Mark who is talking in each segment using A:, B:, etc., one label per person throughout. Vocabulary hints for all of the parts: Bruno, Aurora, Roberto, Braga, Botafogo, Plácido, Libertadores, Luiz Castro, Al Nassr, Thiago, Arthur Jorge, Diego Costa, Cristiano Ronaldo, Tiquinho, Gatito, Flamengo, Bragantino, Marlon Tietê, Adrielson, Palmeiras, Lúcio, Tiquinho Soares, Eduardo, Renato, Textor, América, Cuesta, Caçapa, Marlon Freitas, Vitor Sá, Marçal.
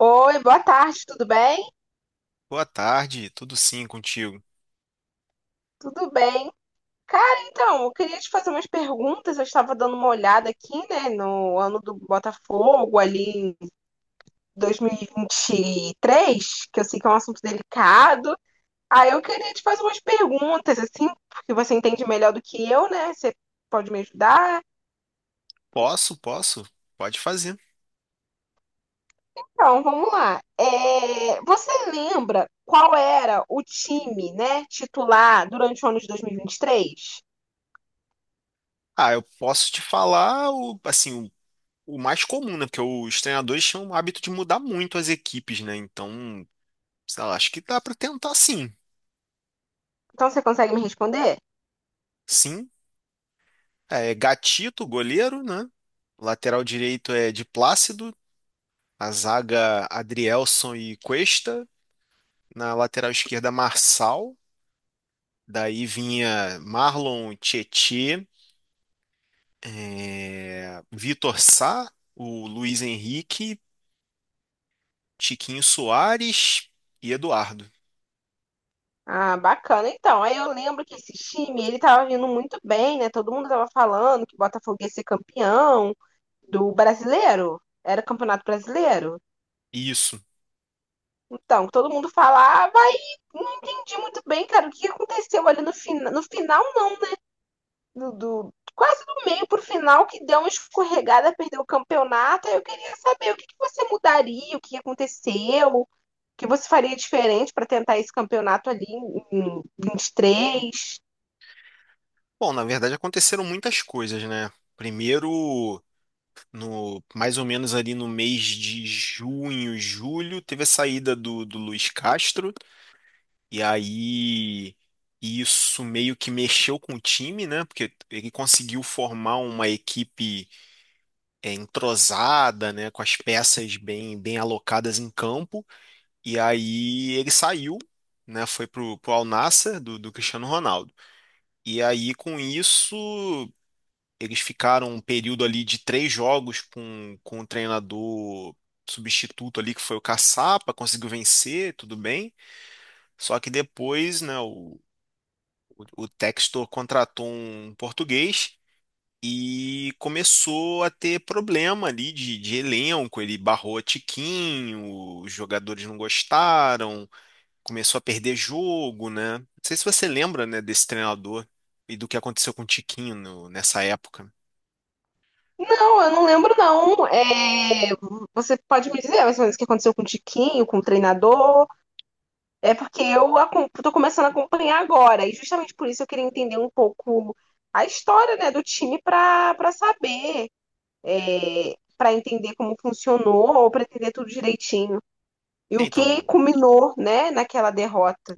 A: Oi, boa tarde, tudo bem?
B: Boa tarde, tudo sim contigo?
A: Tudo bem. Cara, então, eu queria te fazer umas perguntas. Eu estava dando uma olhada aqui, né, no ano do Botafogo, ali em dois mil e vinte e três, que eu sei que é um assunto delicado. Aí eu queria te fazer umas perguntas, assim, porque você entende melhor do que eu, né? Você pode me ajudar?
B: Posso, pode fazer.
A: Então, vamos lá. É, você lembra qual era o time, né, titular durante o ano de dois mil e vinte e três?
B: Ah, eu posso te falar o mais comum, né? Porque os treinadores tinham o hábito de mudar muito as equipes, né? Então, sei lá, acho que dá pra tentar sim.
A: Então, você consegue me responder?
B: Sim, é Gatito, goleiro, né? Lateral direito é de Plácido, a zaga Adrielson e Cuesta, na lateral esquerda Marçal, daí vinha Marlon Tietê, Vitor Sá, o Luiz Henrique, Tiquinho Soares e Eduardo.
A: Ah, bacana. Então, aí eu lembro que esse time, ele tava vindo muito bem, né? Todo mundo tava falando que o Botafogo ia ser campeão do brasileiro. Era campeonato brasileiro.
B: Isso.
A: Então, todo mundo falava e não entendi muito bem, cara, o que aconteceu ali no final, né, quase do meio pro final, que deu uma escorregada, perdeu o campeonato. Aí eu queria saber o que que você mudaria, o que aconteceu, o que você faria diferente para tentar esse campeonato ali em 23.
B: Bom, na verdade aconteceram muitas coisas, né? Primeiro, no mais ou menos ali no mês de junho, julho, teve a saída do Luiz Castro, e aí isso meio que mexeu com o time, né? Porque ele conseguiu formar uma equipe entrosada, né? Com as peças bem, bem alocadas em campo, e aí ele saiu. Né, foi pro Al Nassr do Cristiano Ronaldo. E aí, com isso, eles ficaram um período ali de 3 jogos com o treinador substituto ali, que foi o Caçapa, conseguiu vencer, tudo bem. Só que depois, né, o Textor contratou um português e começou a ter problema ali de elenco. Ele barrou a Tiquinho, os jogadores não gostaram, começou a perder jogo, né? Não sei se você lembra, né, desse treinador e do que aconteceu com o Tiquinho nessa época.
A: Não, eu não lembro, não. É, você pode me dizer mais ou menos o que aconteceu com o Tiquinho, com o treinador? É porque eu tô começando a acompanhar agora, e justamente por isso eu queria entender um pouco a história, né, do time para saber, é, para entender como funcionou, ou para entender tudo direitinho. E
B: É,
A: o que
B: Então,
A: culminou, né, naquela derrota.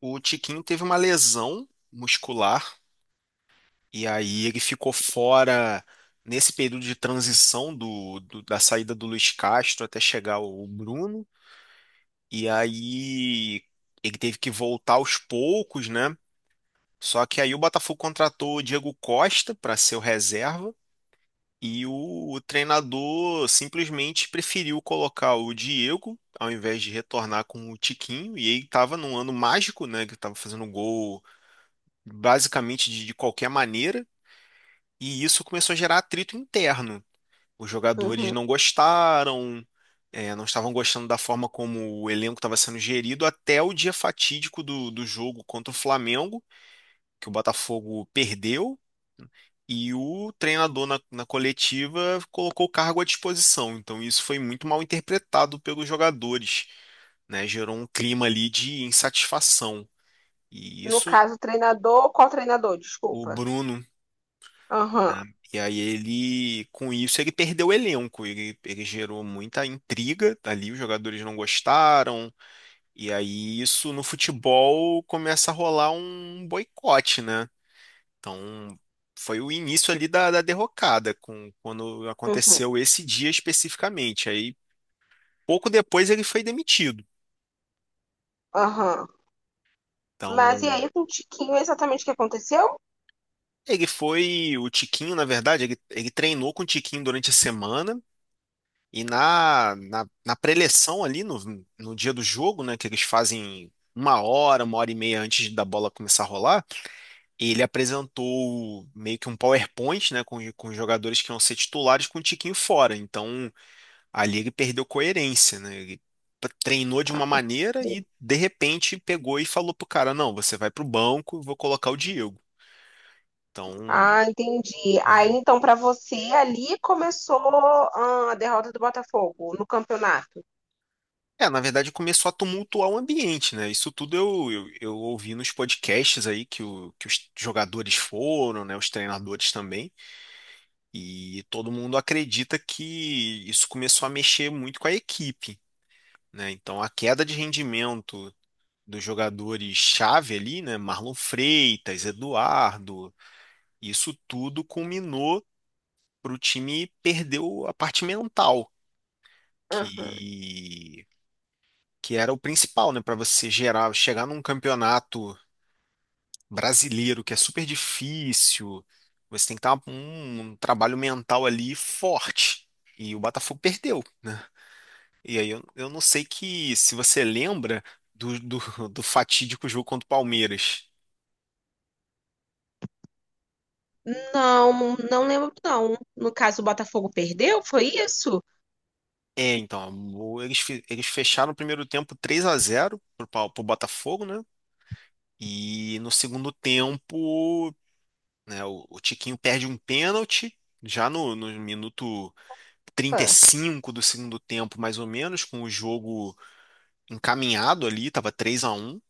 B: o Tiquinho teve uma lesão muscular e aí ele ficou fora nesse período de transição da saída do Luiz Castro até chegar o Bruno. E aí ele teve que voltar aos poucos, né? Só que aí o Botafogo contratou o Diego Costa para ser o reserva e o treinador simplesmente preferiu colocar o Diego ao invés de retornar com o Tiquinho. E ele estava num ano mágico, né? Que estava fazendo gol basicamente de qualquer maneira, e isso começou a gerar atrito interno. Os jogadores
A: Uhum.
B: não gostaram, não estavam gostando da forma como o elenco estava sendo gerido até o dia fatídico do jogo contra o Flamengo, que o Botafogo perdeu. E o treinador na coletiva colocou o cargo à disposição. Então, isso foi muito mal interpretado pelos jogadores, né, gerou um clima ali de insatisfação. E
A: No
B: isso,
A: caso, o treinador, qual treinador?
B: o
A: Desculpa.
B: Bruno.
A: Aham,
B: E aí ele, com isso, ele perdeu o elenco, ele gerou muita intriga ali, os jogadores não gostaram, e aí isso no futebol começa a rolar um boicote, né? Então foi o início ali da derrocada, com, quando
A: uhum,
B: aconteceu esse dia especificamente. Aí pouco depois ele foi demitido.
A: aham. Mas e
B: Então
A: aí com o Tiquinho, exatamente o que aconteceu?
B: ele foi, o Tiquinho, na verdade, ele treinou com o Tiquinho durante a semana, e na preleção ali, no dia do jogo, né, que eles fazem 1 hora, 1 hora e meia antes da bola começar a rolar, ele apresentou meio que um PowerPoint, né, com os jogadores que iam ser titulares com o Tiquinho fora. Então, ali ele perdeu coerência, né? Ele treinou de uma maneira e, de repente, pegou e falou pro cara, não, você vai pro banco, eu vou colocar o Diego. Então,
A: Ah, entendi. Aí
B: é,
A: então para você ali começou a derrota do Botafogo no campeonato.
B: é, na verdade começou a tumultuar o ambiente, né? Isso tudo eu ouvi nos podcasts aí que, o, que os jogadores foram, né? Os treinadores também. E todo mundo acredita que isso começou a mexer muito com a equipe, né? Então a queda de rendimento dos jogadores-chave ali, né? Marlon Freitas, Eduardo, isso tudo culminou para o time perder a parte mental.
A: Aham.
B: Que que era o principal, né, para você gerar, chegar num campeonato brasileiro que é super difícil, você tem que estar um trabalho mental ali forte. E o Botafogo perdeu, né? E aí eu não sei que se você lembra do, do, do fatídico jogo contra o Palmeiras.
A: Não, não lembro não. No caso o Botafogo perdeu, foi isso?
B: É, então, eles, eles fecharam o primeiro tempo 3-0 pro Botafogo, né? E no segundo tempo, né, o Tiquinho perde um pênalti já no minuto trinta e
A: Ah,
B: cinco do segundo tempo, mais ou menos, com o jogo encaminhado ali, tava 3-1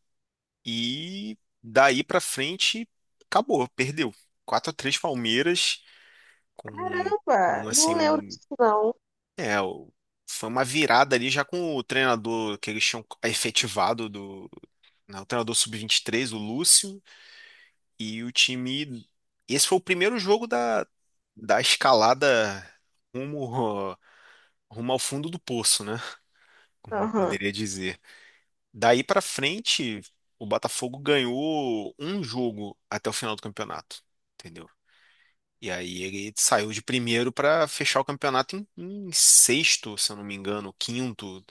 B: e daí para frente acabou, perdeu. 4-3 Palmeiras com com
A: caramba, não
B: assim
A: lembro
B: um,
A: disso não.
B: é, o- foi uma virada ali já com o treinador que eles tinham efetivado do, né, o treinador sub 23, o Lúcio, e o time, esse foi o primeiro jogo da escalada rumo, rumo ao fundo do poço, né? Como
A: Aham.
B: poderia dizer. Daí pra frente, o Botafogo ganhou um jogo até o final do campeonato, entendeu? E aí ele saiu de primeiro pra fechar o campeonato em, em sexto, se eu não me engano, quinto.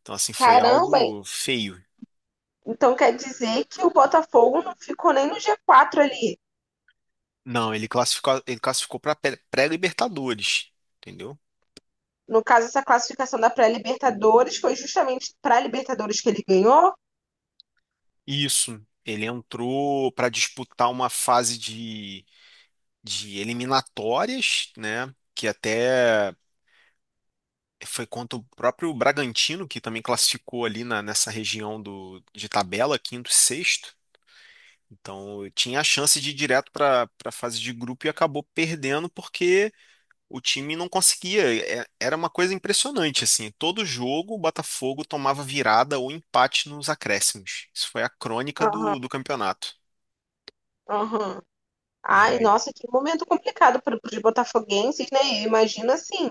B: Então assim foi
A: Caramba,
B: algo feio.
A: então quer dizer que o Botafogo não ficou nem no G4 ali.
B: Não, ele classificou para pré-Libertadores, entendeu?
A: No caso essa classificação da pré-Libertadores foi justamente para a Libertadores que ele ganhou?
B: Isso. Ele entrou para disputar uma fase de eliminatórias, né? Que até foi contra o próprio Bragantino, que também classificou ali nessa região do, de tabela, quinto e sexto. Então eu tinha a chance de ir direto para a fase de grupo e acabou perdendo porque o time não conseguia. Era uma coisa impressionante, assim. Todo jogo o Botafogo tomava virada ou empate nos acréscimos. Isso foi a crônica
A: Aham,
B: do campeonato.
A: aham.
B: E
A: Ai,
B: aí,
A: nossa, que momento complicado para os botafoguenses, né? Eu imagino assim,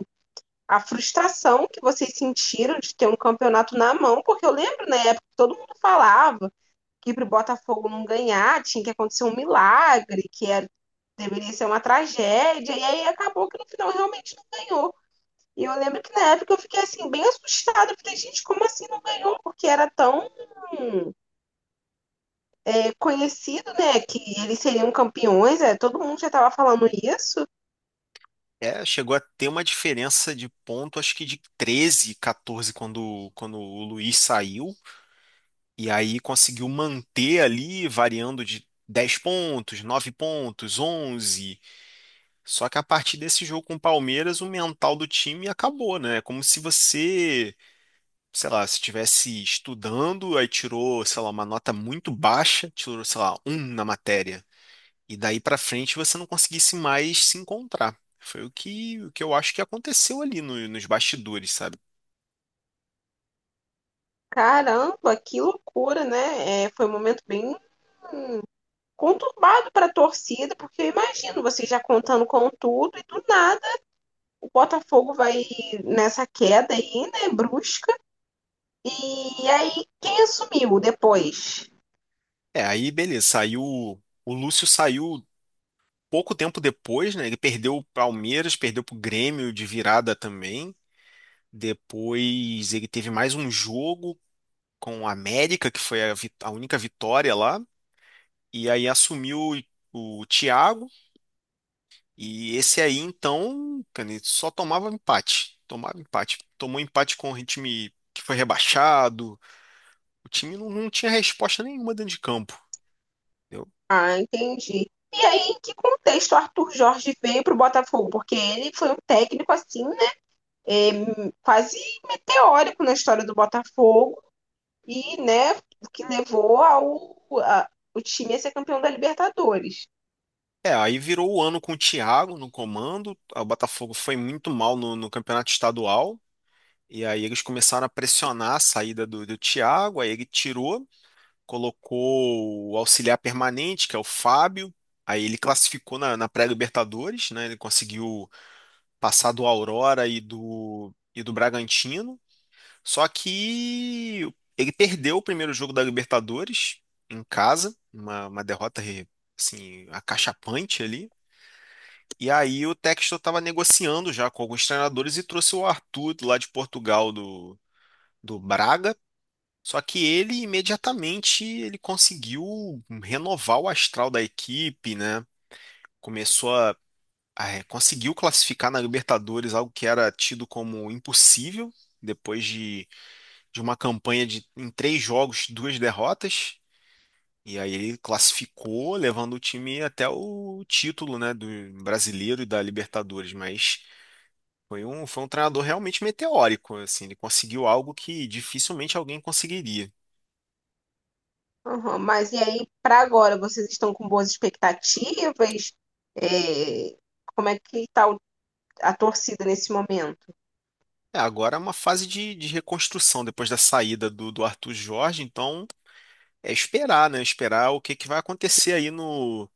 A: a frustração que vocês sentiram de ter um campeonato na mão, porque eu lembro, né, na época que todo mundo falava que para o Botafogo não ganhar tinha que acontecer um milagre, que era, deveria ser uma tragédia, e aí acabou que no final realmente não ganhou. E eu lembro que na época eu fiquei assim, bem assustada. Eu falei, gente, como assim não ganhou? Porque era tão conhecido, né? Que eles seriam campeões, todo mundo já estava falando isso.
B: é, chegou a ter uma diferença de ponto, acho que de 13, 14, quando o Luiz saiu. E aí conseguiu manter ali, variando de 10 pontos, 9 pontos, 11. Só que a partir desse jogo com o Palmeiras, o mental do time acabou, né? É como se você, sei lá, se estivesse estudando, aí tirou, sei lá, uma nota muito baixa, tirou, sei lá, um na matéria. E daí pra frente você não conseguisse mais se encontrar. Foi o que eu acho que aconteceu ali nos bastidores, sabe?
A: Caramba, que loucura, né? É, foi um momento bem conturbado para a torcida, porque eu imagino vocês já contando com tudo e do nada o Botafogo vai nessa queda aí, né, brusca. E aí, quem assumiu depois?
B: É, aí beleza, saiu. O Lúcio saiu pouco tempo depois, né? Ele perdeu o Palmeiras, perdeu pro Grêmio de virada também. Depois ele teve mais um jogo com o América, que foi a, a única vitória lá. E aí assumiu o Thiago. E esse aí, então, cara, ele só tomava empate. Tomava empate. Tomou empate com o time que foi rebaixado. O time não tinha resposta nenhuma dentro de campo. Entendeu?
A: Ah, entendi. E aí, em que contexto o Arthur Jorge veio para o Botafogo? Porque ele foi um técnico assim, né? é, Quase meteórico na história do Botafogo e, né, que levou o time a ser campeão da Libertadores.
B: É, aí virou o ano com o Thiago no comando. O Botafogo foi muito mal no campeonato estadual. E aí eles começaram a pressionar a saída do Thiago, aí ele tirou, colocou o auxiliar permanente, que é o Fábio. Aí ele classificou na pré-Libertadores, né? Ele conseguiu passar do Aurora e do Bragantino. Só que ele perdeu o primeiro jogo da Libertadores em casa, uma, derrota assim, acachapante ali. E aí o Textor estava negociando já com alguns treinadores e trouxe o Arthur lá de Portugal do Braga. Só que ele imediatamente ele conseguiu renovar o astral da equipe, né? Começou a, conseguiu classificar na Libertadores, algo que era tido como impossível depois de uma campanha de em 3 jogos, duas derrotas. E aí ele classificou, levando o time até o título, né, do brasileiro e da Libertadores, mas foi foi um treinador realmente meteórico, assim, ele conseguiu algo que dificilmente alguém conseguiria.
A: Aham, mas e aí, para agora, vocês estão com boas expectativas? É, como é que tá a torcida nesse momento?
B: É, agora é uma fase de reconstrução depois da saída do Arthur Jorge, então é esperar, né? Esperar que vai acontecer aí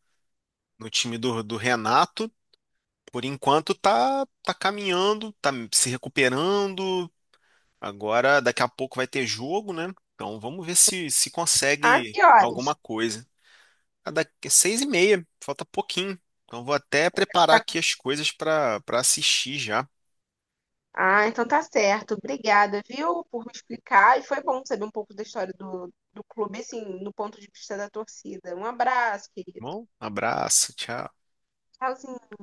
B: no time do Renato. Por enquanto tá, tá caminhando, tá se recuperando. Agora, daqui a pouco vai ter jogo, né? Então vamos ver se, se
A: Ah,
B: consegue
A: que horas?
B: alguma coisa. Ah, daqui é 6:30, falta pouquinho. Então vou até preparar
A: Tá-
B: aqui as coisas para assistir já. Tá.
A: Ah, então tá certo. Obrigada, viu, por me explicar. E foi bom saber um pouco da história do clube, assim, no ponto de vista da torcida. Um abraço, querido.
B: Bom, abraço, tchau.
A: Tchauzinho.